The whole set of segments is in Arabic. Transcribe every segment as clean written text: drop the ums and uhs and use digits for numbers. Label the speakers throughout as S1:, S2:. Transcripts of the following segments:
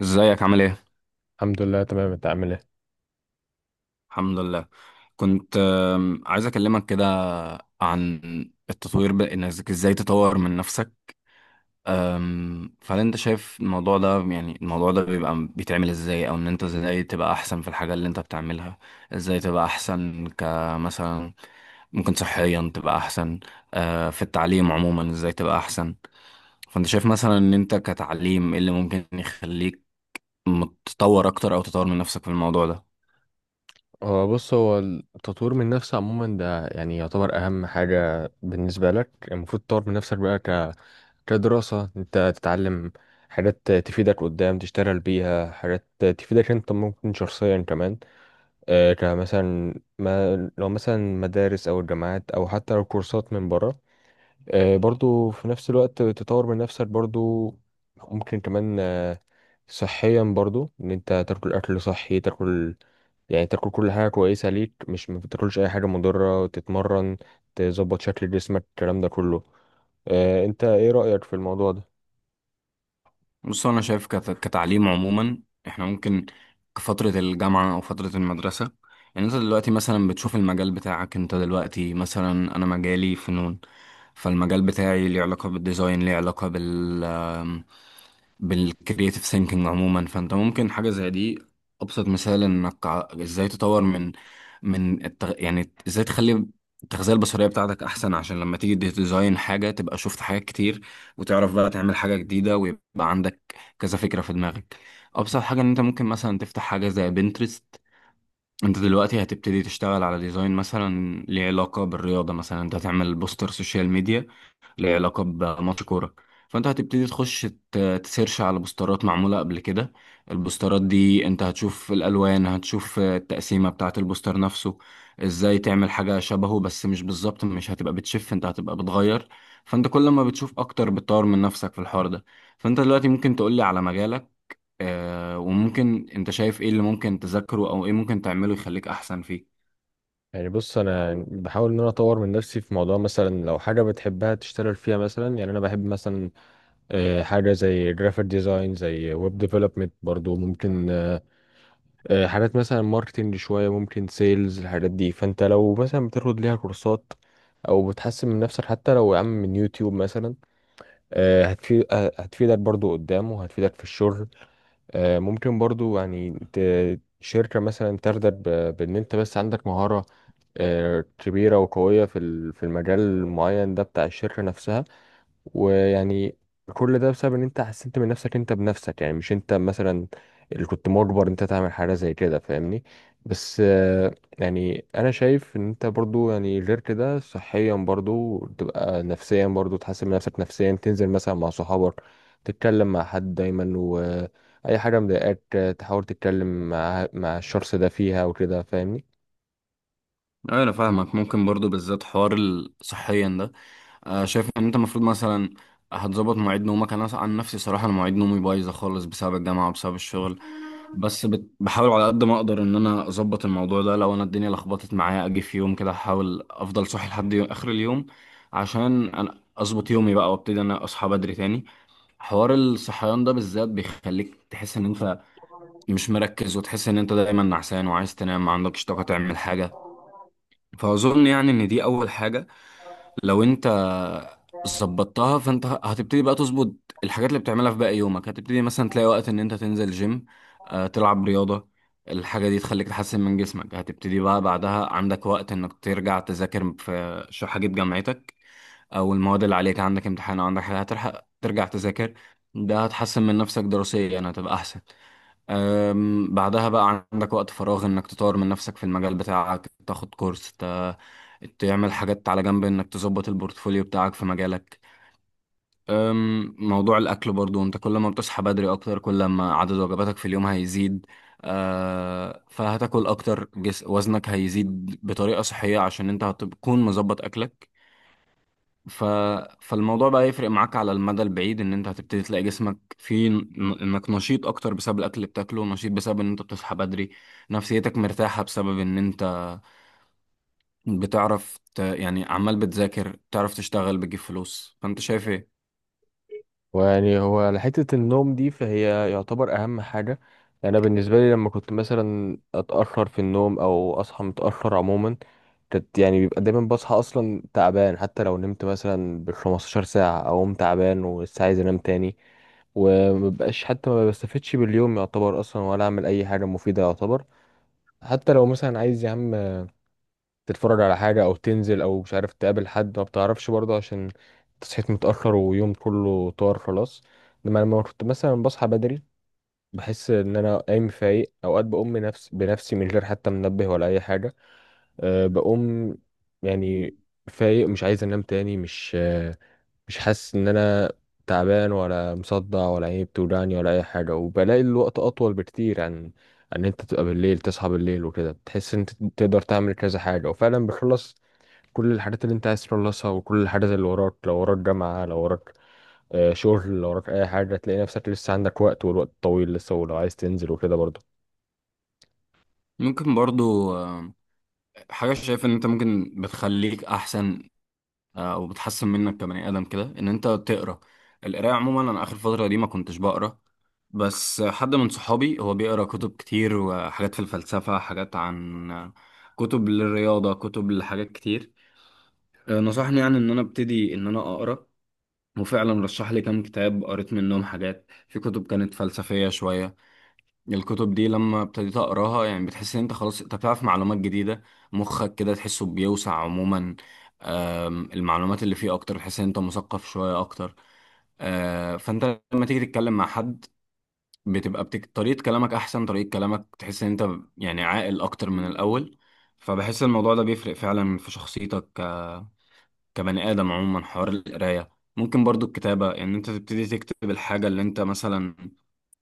S1: ازيك عامل ايه؟
S2: الحمد لله تمام. انت عامل ايه؟
S1: الحمد لله. كنت عايز اكلمك كده عن التطوير، انك ازاي تطور من نفسك. فهل انت شايف الموضوع ده، يعني الموضوع ده بيبقى بيتعمل ازاي، او ان انت ازاي تبقى احسن في الحاجة اللي انت بتعملها؟ ازاي تبقى احسن؟ كمثلا ممكن صحيا تبقى احسن. في التعليم عموما، ازاي تبقى احسن؟ فانت شايف مثلا ان انت كتعليم ايه اللي ممكن يخليك متطور اكتر، او تطور من نفسك في الموضوع ده؟
S2: هو بص التطوير من نفسك عموما ده يعني يعتبر اهم حاجة بالنسبة لك. المفروض تطور من نفسك بقى كدراسة، انت تتعلم حاجات تفيدك قدام تشتغل بيها، حاجات تفيدك انت ممكن شخصيا كمان. آه كمثلا، ما لو مثلا مدارس او الجامعات او حتى لو كورسات من بره. آه، برضو في نفس الوقت تطور من نفسك برضو. ممكن كمان صحيا برضو ان انت تاكل اكل صحي، تاكل يعني تاكل كل حاجه كويسه ليك، مش ما تاكلش اي حاجه مضره، تتمرن، تظبط شكل جسمك، الكلام ده كله. اه، انت ايه رايك في الموضوع ده؟
S1: بص، انا شايف كتعليم عموما احنا ممكن كفترة الجامعة او فترة المدرسة، يعني انت دلوقتي مثلا بتشوف المجال بتاعك. انت دلوقتي مثلا، انا مجالي فنون، فالمجال بتاعي ليه علاقة بالديزاين، ليه علاقة بالكرياتيف ثينكينج عموما. فانت ممكن حاجة زي دي. ابسط مثال انك ازاي تطور من يعني ازاي تخلي التغذية البصرية بتاعتك احسن، عشان لما تيجي تديزاين حاجة تبقى شفت حاجات كتير، وتعرف بقى تعمل حاجة جديدة، ويبقى عندك كذا فكرة في دماغك. أبسط حاجة إن أنت ممكن مثلا تفتح حاجة زي بنترست. أنت دلوقتي هتبتدي تشتغل على ديزاين مثلا ليه علاقة بالرياضة، مثلا أنت هتعمل بوستر سوشيال ميديا ليه علاقة بماتش كورة، فأنت هتبتدي تخش تسيرش على بوسترات معمولة قبل كده. البوسترات دي أنت هتشوف الألوان، هتشوف التقسيمة بتاعة البوستر نفسه، إزاي تعمل حاجة شبهه، بس مش بالظبط، مش هتبقى بتشف، أنت هتبقى بتغير. فأنت كل ما بتشوف أكتر بتطور من نفسك في الحوار ده. فأنت دلوقتي ممكن تقولي على مجالك، وممكن انت شايف ايه اللي ممكن تذاكره، او ايه ممكن تعمله يخليك احسن فيه؟
S2: يعني بص، انا بحاول ان انا اطور من نفسي في موضوع، مثلا لو حاجه بتحبها تشتغل فيها مثلا. يعني انا بحب مثلا، اه، حاجه زي جرافيك ديزاين، زي ويب ديفلوبمنت برضو، ممكن حاجات مثلا ماركتنج شوية، ممكن سيلز، الحاجات دي. فانت لو مثلا بتاخد ليها كورسات او بتحسن من نفسك حتى لو يا عم من يوتيوب مثلا، هتفيد، هتفيدك برضو قدام وهتفيدك في الشغل. ممكن برضو يعني شركة مثلا ترضى بان انت بس عندك مهارة كبيرة وقوية في المجال المعين ده بتاع الشركة نفسها. ويعني كل ده بسبب ان انت حسنت من نفسك انت بنفسك، يعني مش انت مثلا اللي كنت مجبر انت تعمل حاجه زي كده، فاهمني؟ بس يعني انا شايف ان انت برضو، يعني غير كده صحيا برضو، تبقى نفسيا برضو تحسن من نفسك نفسيا، تنزل مثلا مع صحابك، تتكلم مع حد دايما، واي حاجه مضايقاك تحاول تتكلم مع الشخص ده فيها وكده، فاهمني؟
S1: أيوة، انا فاهمك. ممكن برضو بالذات حوار صحيا ده، شايف ان انت المفروض مثلا هتظبط مواعيد نومك. انا عن نفسي، صراحة، انا مواعيد نومي بايظة خالص بسبب الجامعة وبسبب الشغل، بس بحاول على قد ما اقدر ان انا اظبط الموضوع ده. لو انا الدنيا لخبطت معايا، اجي في يوم كده احاول افضل صاحي لحد اخر اليوم، عشان انا اظبط يومي بقى، وابتدي انا اصحى بدري تاني. حوار الصحيان ده بالذات بيخليك تحس ان انت مش مركز، وتحس ان انت دايما نعسان وعايز تنام، ما عندكش طاقة تعمل حاجة. فاظن يعني ان دي اول حاجة. لو انت ظبطتها، فانت هتبتدي بقى تظبط الحاجات اللي بتعملها في باقي يومك. هتبتدي مثلا تلاقي وقت ان انت تنزل جيم، تلعب رياضة. الحاجة دي تخليك تحسن من جسمك. هتبتدي بقى بعدها عندك وقت انك ترجع تذاكر في حاجة جامعتك، او المواد اللي عليك عندك امتحان، او عندك حاجة هتلحق ترجع تذاكر. ده هتحسن من نفسك دراسيا، يعني هتبقى احسن. بعدها بقى عندك وقت فراغ انك تطور من نفسك في المجال بتاعك، تاخد كورس، تعمل حاجات على جنب، انك تظبط البورتفوليو بتاعك في مجالك. موضوع الاكل برضو، انت كل ما بتصحى بدري اكتر، كل ما عدد وجباتك في اليوم هيزيد. فهتاكل اكتر، جس وزنك هيزيد بطريقة صحية، عشان انت هتكون مظبط اكلك. ف... فالموضوع بقى يفرق معاك على المدى البعيد، ان انت هتبتدي تلاقي جسمك فيه انك نشيط اكتر بسبب الاكل اللي بتاكله، نشيط بسبب ان انت بتصحى بدري، نفسيتك مرتاحة بسبب ان انت بتعرف يعني عمال بتذاكر، بتعرف تشتغل، بتجيب فلوس. فانت شايف ايه؟
S2: ويعني هو على حتة النوم دي، فهي يعتبر أهم حاجة. يعني أنا بالنسبة لي لما كنت مثلا أتأخر في النوم أو أصحى متأخر عموما، كانت يعني بيبقى دايما بصحى أصلا تعبان. حتى لو نمت مثلا بالخمستاشر ساعة أقوم تعبان ولسه عايز أنام تاني، ومبقاش حتى ما بستفدش باليوم يعتبر أصلا، ولا أعمل أي حاجة مفيدة يعتبر. حتى لو مثلا عايز يا عم تتفرج على حاجة أو تنزل أو مش عارف تقابل حد، ما بتعرفش برضه عشان صحيت متأخر ويوم كله طار خلاص. لما كنت مثلا بصحى بدري، بحس إن أنا قايم فايق، أوقات بقوم بنفس بنفسي من غير حتى منبه ولا أي حاجة. أه، بقوم يعني فايق، مش عايز أنام تاني، مش مش حاسس إن أنا تعبان ولا مصدع ولا عيني بتوجعني ولا أي حاجة. وبلاقي الوقت أطول بكتير عن ان انت تبقى بالليل تصحى بالليل وكده. بتحس ان انت تقدر تعمل كذا حاجه، وفعلا بتخلص كل الحاجات اللي انت عايز تخلصها، وكل الحاجات اللي وراك. لو وراك جامعة، لو وراك شغل، لو وراك اي حاجة، تلاقي نفسك لسه عندك وقت والوقت طويل لسه، ولو عايز تنزل وكده برضه.
S1: ممكن برضو حاجة شايف ان انت ممكن بتخليك احسن، وبتحسن منك كبني ادم كده، ان انت تقرا. القرايه عموما، انا اخر فتره دي ما كنتش بقرا، بس حد من صحابي هو بيقرا كتب كتير، وحاجات في الفلسفه، حاجات عن كتب للرياضه، كتب لحاجات كتير. نصحني يعني ان انا ابتدي ان انا اقرا، وفعلا رشح لي كام كتاب. قريت منهم حاجات، في كتب كانت فلسفيه شويه. الكتب دي لما ابتديت اقراها يعني بتحس ان انت خلاص انت بتعرف معلومات جديده، مخك كده تحسه بيوسع عموما. المعلومات اللي فيه اكتر، تحس ان انت مثقف شويه اكتر. فانت لما تيجي تتكلم مع حد، بتبقى طريقه كلامك احسن، طريقه كلامك تحس ان انت يعني عاقل اكتر من الاول. فبحس الموضوع ده بيفرق فعلا في شخصيتك كبني ادم عموما، حوار القرايه. ممكن برضو الكتابه، ان يعني انت تبتدي تكتب الحاجه اللي انت مثلا،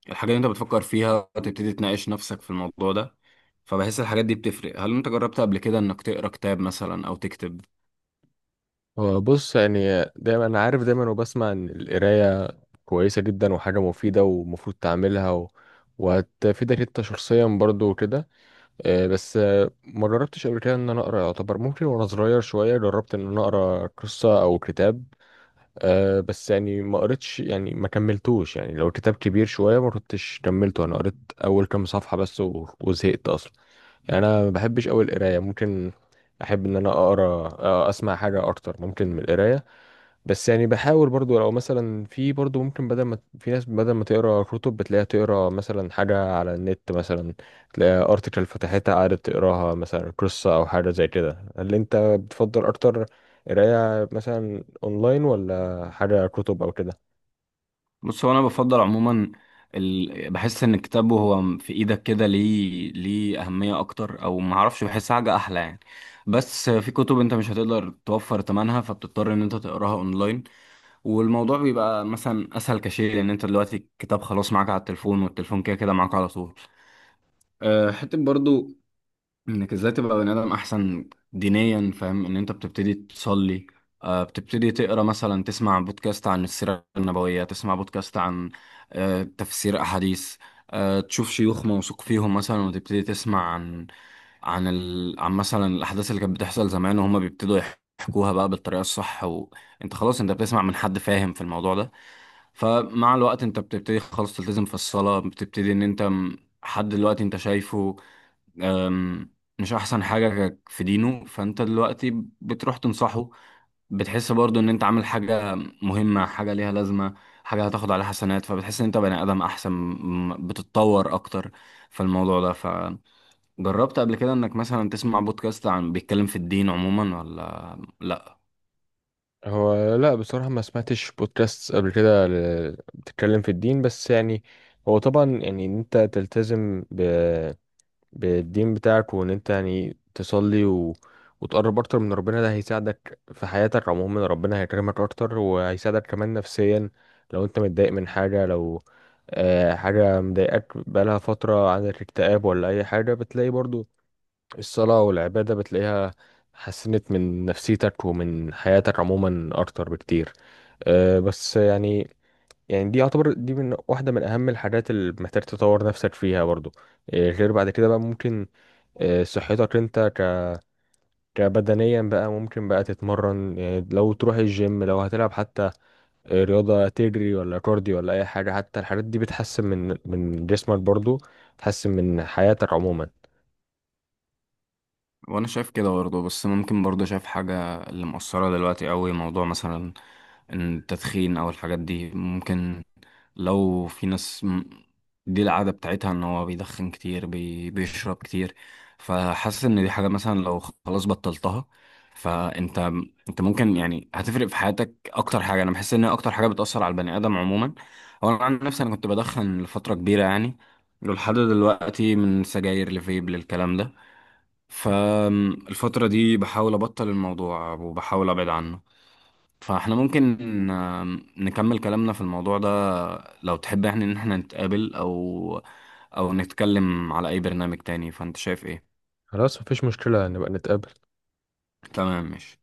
S1: الحاجات اللي انت بتفكر فيها، وتبتدي تناقش نفسك في الموضوع ده. فبحس الحاجات دي بتفرق. هل انت جربت قبل كده انك تقرا كتاب مثلا او تكتب؟
S2: هو بص، يعني دايما انا عارف دايما وبسمع ان القراية كويسة جدا وحاجة مفيدة ومفروض تعملها وهتفيدك انت شخصيا برضه وكده. بس ما جربتش قبل كده ان انا اقرا يعتبر. ممكن وانا صغير شوية جربت ان انا اقرا قصة او كتاب. أه بس يعني ما قريتش، يعني ما كملتوش، يعني لو الكتاب كبير شوية ما كنتش كملته. أنا قريت أول كام صفحة بس، وزهقت أصلا. يعني أنا ما بحبش أوي القراية، ممكن أحب إن أنا أقرأ أسمع حاجة أكتر ممكن من القراية. بس يعني بحاول برضو، لو مثلا في برضو ممكن، بدل ما في ناس بدل ما تقرا كتب بتلاقيها تقرا مثلا حاجة على النت مثلا، تلاقي ارتكل فتحتها قعدت تقراها، مثلا قصة او حاجة زي كده. هل انت بتفضل اكتر قراية مثلا اونلاين ولا حاجة كتب او كده؟
S1: بص، هو انا بفضل عموما بحس ان الكتاب وهو في ايدك كده ليه اهميه اكتر، او ما اعرفش، بحس حاجه احلى يعني. بس في كتب انت مش هتقدر توفر ثمنها، فبتضطر ان انت تقراها اونلاين، والموضوع بيبقى مثلا اسهل كشيء، لان انت دلوقتي الكتاب خلاص معاك على التليفون، والتليفون كده كده معاك على طول. حتة برضو انك ازاي تبقى بني ادم احسن دينيا. فاهم ان انت بتبتدي تصلي، بتبتدي تقرا مثلا، تسمع بودكاست عن السيره النبويه، تسمع بودكاست عن تفسير احاديث، تشوف شيوخ موثوق فيهم مثلا، وتبتدي تسمع عن مثلا الاحداث اللي كانت بتحصل زمان، وهم بيبتدوا يحكوها بقى بالطريقه الصح. وانت خلاص انت بتسمع من حد فاهم في الموضوع ده. فمع الوقت انت بتبتدي خلاص تلتزم في الصلاه، بتبتدي ان انت حد دلوقتي انت شايفه أم، مش احسن حاجة في دينه، فانت دلوقتي بتروح تنصحه. بتحس برضو ان انت عامل حاجة مهمة، حاجة ليها لازمة، حاجة هتاخد عليها حسنات، فبتحس ان انت بني ادم احسن، بتتطور اكتر في الموضوع ده. فجربت قبل كده انك مثلا تسمع بودكاست عن بيتكلم في الدين عموما، ولا لا؟
S2: هو لا، بصراحة ما سمعتش بودكاست قبل كده بتتكلم في الدين. بس يعني هو طبعا يعني ان انت تلتزم بالدين بتاعك وان انت يعني تصلي وتقرب اكتر من ربنا، ده هيساعدك في حياتك عموما. ربنا هيكرمك اكتر وهيساعدك كمان نفسيا. لو انت متضايق من حاجة، لو حاجة مضايقاك بقالها فترة، عندك اكتئاب ولا اي حاجة، بتلاقي برضو الصلاة والعبادة بتلاقيها حسنت من نفسيتك ومن حياتك عموما اكتر بكتير. آه، بس يعني يعني دي يعتبر دي من واحدة من أهم الحاجات اللي محتاج تطور نفسك فيها برضو. غير بعد كده بقى ممكن صحتك انت كبدنيا بقى، ممكن بقى تتمرن، يعني لو تروح الجيم، لو هتلعب حتى رياضة، تجري ولا كارديو ولا اي حاجة، حتى الحاجات دي بتحسن من جسمك برضو، بتحسن من حياتك عموما.
S1: وانا شايف كده برضو، بس ممكن برضو شايف حاجة اللي مؤثرة دلوقتي قوي، موضوع مثلا التدخين او الحاجات دي. ممكن لو في ناس دي العادة بتاعتها ان هو بيدخن كتير، بيشرب كتير، فحاسس ان دي حاجة مثلا لو خلاص بطلتها، فانت ممكن يعني هتفرق في حياتك اكتر حاجة. انا بحس ان هي اكتر حاجة بتأثر على البني ادم عموما. هو انا عن نفسي انا كنت بدخن لفترة كبيرة يعني، ولحد دلوقتي، من سجاير لفيب للكلام ده. فالفترة دي بحاول ابطل الموضوع، وبحاول ابعد عنه. فاحنا ممكن نكمل كلامنا في الموضوع ده لو تحب، يعني ان احنا نتقابل، او نتكلم على اي برنامج تاني. فانت شايف ايه؟
S2: خلاص مفيش مشكلة، نبقى نتقابل.
S1: تمام، ماشي.